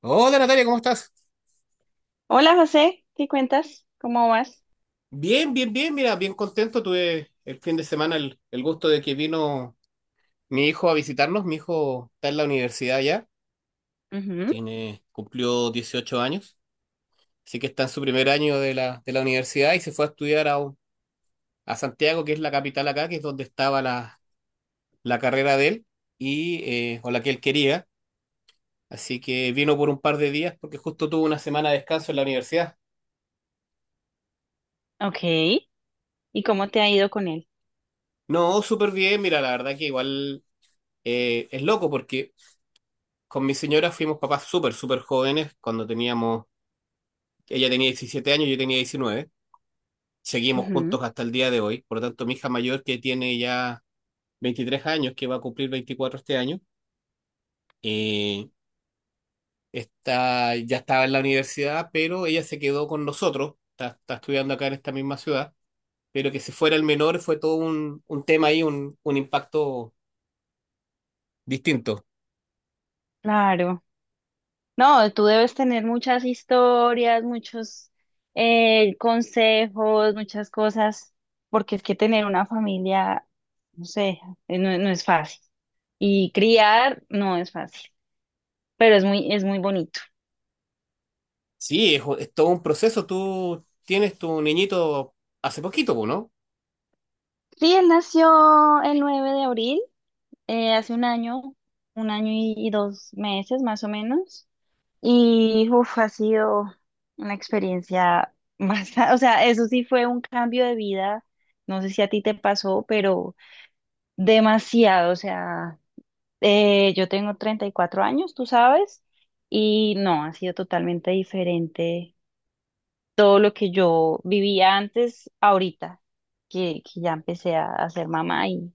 Hola Natalia, ¿cómo estás? Hola José, ¿qué cuentas? ¿Cómo vas? Bien, bien, bien, mira, bien contento. Tuve el fin de semana el gusto de que vino mi hijo a visitarnos. Mi hijo está en la universidad ya, Ujú. tiene, cumplió 18 años, así que está en su primer año de la universidad y se fue a estudiar a, a Santiago, que es la capital acá, que es donde estaba la carrera de él y, o la que él quería. Así que vino por un par de días porque justo tuvo una semana de descanso en la universidad. Ok, ¿y cómo te ha ido con él? No, súper bien, mira, la verdad que igual es loco porque... Con mi señora fuimos papás súper, súper jóvenes, cuando teníamos, ella tenía 17 años, yo tenía 19, seguimos Ujú. juntos hasta el día de hoy, por lo tanto mi hija mayor que tiene ya 23 años, que va a cumplir 24 este año, eh, está, ya estaba en la universidad, pero ella se quedó con nosotros, está, está estudiando acá en esta misma ciudad, pero que se fuera el menor fue todo un tema ahí, un impacto distinto. Claro. No, tú debes tener muchas historias, muchos consejos, muchas cosas, porque es que tener una familia, no sé, no, no es fácil. Y criar no es fácil, pero es muy bonito. Sí, es todo un proceso, tú tienes tu niñito hace poquito, ¿no? Sí, él nació el 9 de abril, hace un año y 2 meses más o menos. Y uf, ha sido una experiencia más o sea, eso sí fue un cambio de vida, no sé si a ti te pasó, pero demasiado, o sea, yo tengo 34 años, tú sabes, y no, ha sido totalmente diferente todo lo que yo vivía antes, ahorita, que ya empecé a ser mamá, y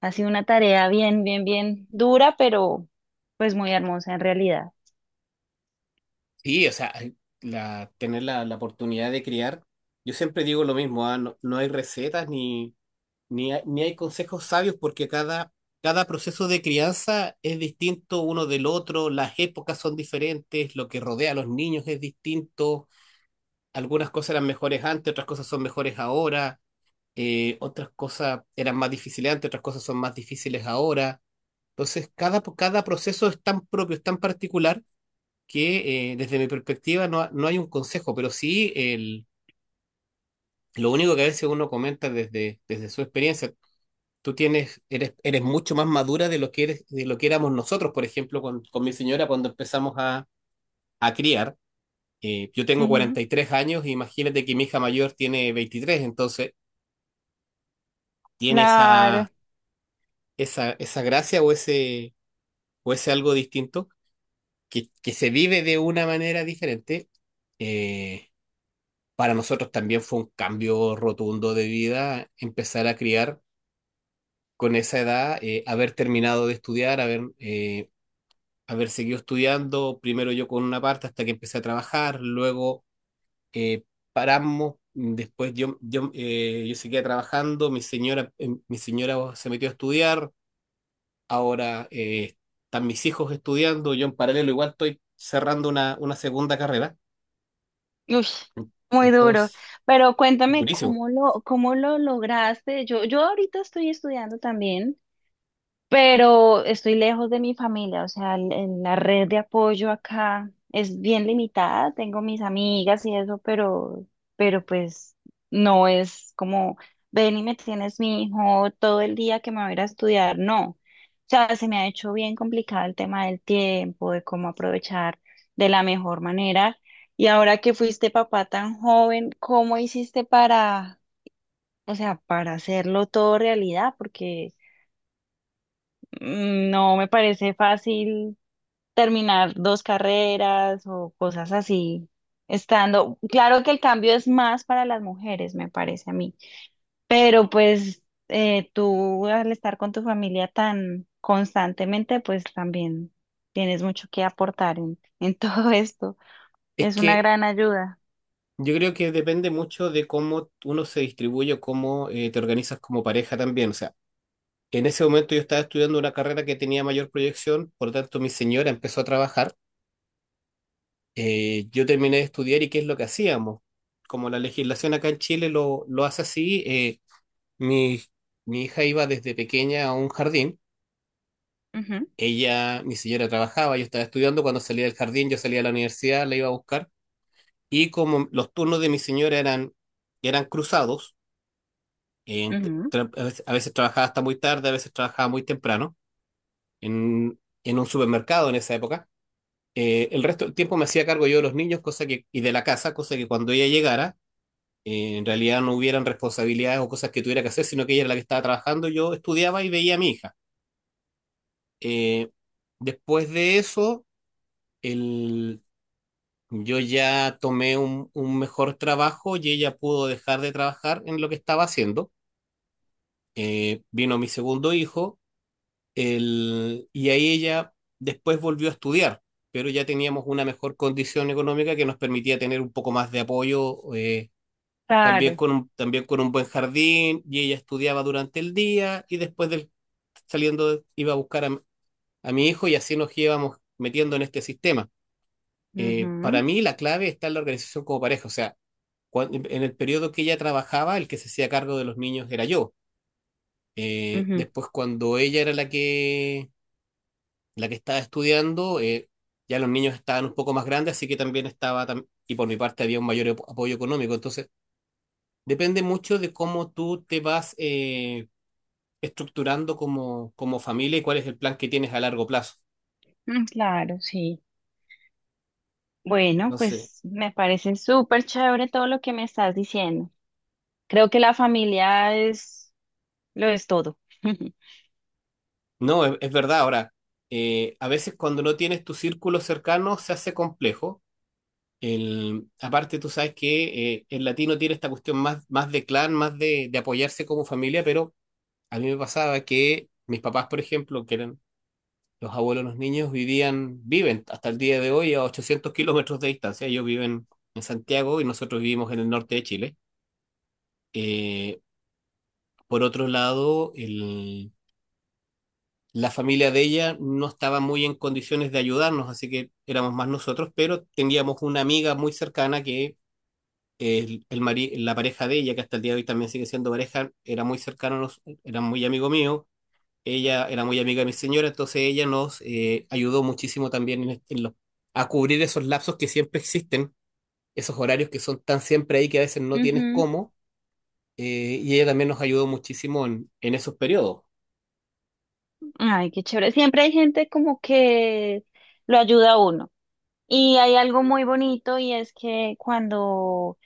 ha sido una tarea bien, bien, bien dura, pero pues muy hermosa en realidad. Sí, o sea, tener la oportunidad de criar, yo siempre digo lo mismo, ah, no, no hay recetas ni, ni hay consejos sabios porque cada, cada proceso de crianza es distinto uno del otro, las épocas son diferentes, lo que rodea a los niños es distinto, algunas cosas eran mejores antes, otras cosas son mejores ahora, otras cosas eran más difíciles antes, otras cosas son más difíciles ahora. Entonces, cada, cada proceso es tan propio, es tan particular que desde mi perspectiva no, no hay un consejo, pero sí lo único que a veces uno comenta desde, desde su experiencia. Tú tienes, eres, eres mucho más madura de lo que eres, de lo que éramos nosotros, por ejemplo, con mi señora cuando empezamos a criar. Yo tengo Ujú. 43 años, e imagínate que mi hija mayor tiene 23, entonces tiene Claro. esa, esa gracia o ese algo distinto que se vive de una manera diferente. Eh, para nosotros también fue un cambio rotundo de vida empezar a criar con esa edad, haber terminado de estudiar, haber, haber seguido estudiando, primero yo con una parte hasta que empecé a trabajar, luego eh, paramos, después yo seguía trabajando, mi señora se metió a estudiar, ahora están mis hijos estudiando, yo en paralelo igual estoy cerrando una segunda carrera, Uy, muy duro. entonces Pero es cuéntame durísimo. cómo lo lograste. Yo ahorita estoy estudiando también, pero estoy lejos de mi familia, o sea, la red de apoyo acá es bien limitada, tengo mis amigas y eso, pero, pues no es como, ven y me tienes mi hijo todo el día que me voy a ir a estudiar, no. O sea, se me ha hecho bien complicado el tema del tiempo, de cómo aprovechar de la mejor manera. Y ahora que fuiste papá tan joven, ¿cómo hiciste para, o sea, para hacerlo todo realidad? Porque no me parece fácil terminar dos carreras o cosas así, estando, claro que el cambio es más para las mujeres, me parece a mí, pero pues tú al estar con tu familia tan constantemente, pues también tienes mucho que aportar en, en todo esto. Es Es una que gran ayuda. yo creo que depende mucho de cómo uno se distribuye o cómo te organizas como pareja también. O sea, en ese momento yo estaba estudiando una carrera que tenía mayor proyección, por lo tanto mi señora empezó a trabajar. Yo terminé de estudiar y ¿qué es lo que hacíamos? Como la legislación acá en Chile lo hace así, mi, mi hija iba desde pequeña a un jardín. Ujú, Ella, mi señora trabajaba, yo estaba estudiando. Cuando salía del jardín, yo salía a la universidad, la iba a buscar. Y como los turnos de mi señora eran, eran cruzados, en- ujú. A veces trabajaba hasta muy tarde, a veces trabajaba muy temprano en un supermercado en esa época. El resto del tiempo me hacía cargo yo de los niños cosa que, y de la casa, cosa que cuando ella llegara, en realidad no hubieran responsabilidades o cosas que tuviera que hacer, sino que ella era la que estaba trabajando, yo estudiaba y veía a mi hija. Eh, Después de eso, el, yo ya tomé un mejor trabajo y ella pudo dejar de trabajar en lo que estaba haciendo. Vino mi segundo hijo. Y ahí ella después volvió a estudiar, pero ya teníamos una mejor condición económica que nos permitía tener un poco más de apoyo, Claro. También con un buen jardín, y ella estudiaba durante el día y después saliendo iba a buscar a mi hijo y así nos íbamos metiendo en este sistema. Ujú, Para mí la clave está en la organización como pareja, o sea, cuando, en el periodo que ella trabajaba, el que se hacía cargo de los niños era yo. Ujú, Después cuando ella era la que estaba estudiando, ya los niños estaban un poco más grandes, así que también estaba, y por mi parte había un mayor apoyo económico. Entonces, depende mucho de cómo tú te vas estructurando como, como familia y cuál es el plan que tienes a largo plazo. mm. Claro, sí. Bueno, Entonces, pues me parece súper chévere todo lo que me estás diciendo. Creo que la familia es lo es todo. no, es verdad. Ahora, a veces cuando no tienes tu círculo cercano se hace complejo. Aparte, tú sabes que el latino tiene esta cuestión más, más de clan, más de apoyarse como familia, pero a mí me pasaba que mis papás, por ejemplo, que eran los abuelos, de los niños vivían, viven hasta el día de hoy a 800 kilómetros de distancia. Ellos viven en Santiago y nosotros vivimos en el norte de Chile. Eh, por otro lado, la familia de ella no estaba muy en condiciones de ayudarnos, así que éramos más nosotros, pero teníamos una amiga muy cercana que la pareja de ella, que hasta el día de hoy también sigue siendo pareja, era muy cercano, era muy amigo mío, ella era muy amiga de mi señora, entonces ella nos ayudó muchísimo también en, en a cubrir esos lapsos que siempre existen, esos horarios que son tan siempre ahí que a veces no tienes Ujú. cómo, y ella también nos ayudó muchísimo en esos periodos. Ay, qué chévere. Siempre hay gente como que lo ayuda a uno. Y hay algo muy bonito, y es que cuando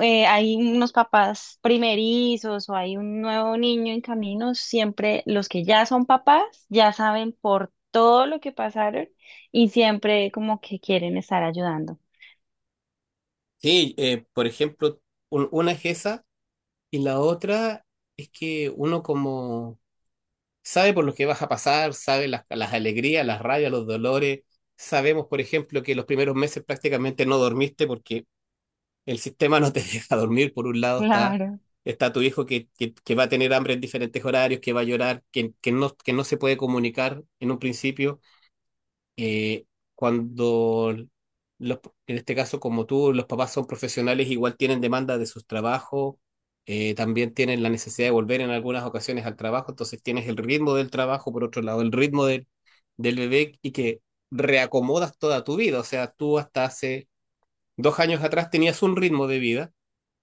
hay unos papás primerizos o hay un nuevo niño en camino, siempre los que ya son papás ya saben por todo lo que pasaron, y siempre como que quieren estar ayudando. Sí, por ejemplo, una es esa y la otra es que uno como sabe por lo que vas a pasar, sabe las alegrías, las rabias, los dolores. Sabemos, por ejemplo, que los primeros meses prácticamente no dormiste porque el sistema no te deja dormir, por un lado está, Claro. está tu hijo que va a tener hambre en diferentes horarios, que va a llorar, que no se puede comunicar en un principio. Eh, Cuando los, en este caso como tú, los papás son profesionales, igual tienen demanda de sus trabajos, también tienen la necesidad de volver en algunas ocasiones al trabajo, entonces tienes el ritmo del trabajo, por otro lado, el ritmo del, del bebé y que reacomodas toda tu vida, o sea, tú hasta hace 2 años atrás tenías un ritmo de vida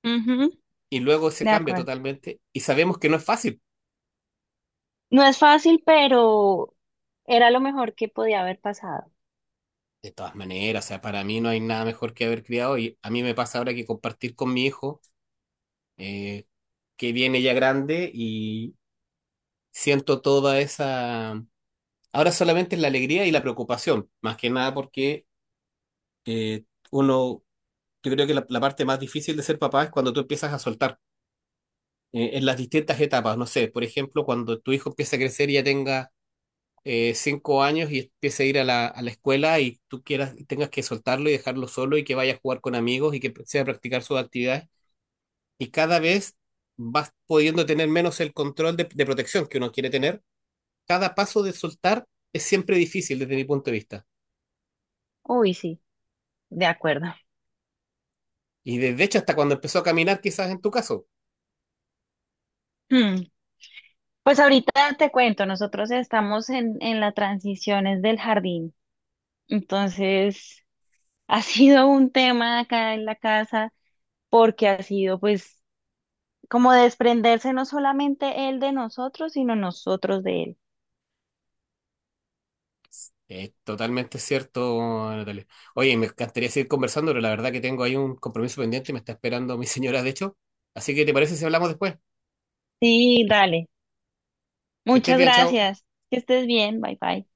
Ujú, y luego se de cambia acuerdo. totalmente y sabemos que no es fácil. No es fácil, pero era lo mejor que podía haber pasado. De todas maneras, o sea, para mí no hay nada mejor que haber criado y a mí me pasa ahora que compartir con mi hijo, eh, que viene ya grande y siento toda esa... Ahora solamente es la alegría y la preocupación, más que nada porque eh, uno, yo creo que la parte más difícil de ser papá es cuando tú empiezas a soltar en las distintas etapas, no sé, por ejemplo, cuando tu hijo empieza a crecer y ya tenga 5 años y empiece a ir a a la escuela y tú quieras, tengas que soltarlo y dejarlo solo y que vaya a jugar con amigos y que sea a practicar sus actividades. Y cada vez vas pudiendo tener menos el control de protección que uno quiere tener. Cada paso de soltar es siempre difícil desde mi punto de vista. Uy, sí, de acuerdo. Y desde hecho hasta cuando empezó a caminar, quizás en tu caso. Hmm. Pues ahorita te cuento, nosotros estamos en las transiciones del jardín. Entonces, ha sido un tema acá en la casa, porque ha sido pues como desprenderse no solamente él de nosotros, sino nosotros de él. Es totalmente cierto, Natalia. Oye, me encantaría seguir conversando, pero la verdad que tengo ahí un compromiso pendiente, me está esperando mi señora, de hecho. Así que, ¿te parece si hablamos después? Sí, dale. Que estés Muchas bien, chao. gracias. Que estés bien. Bye bye.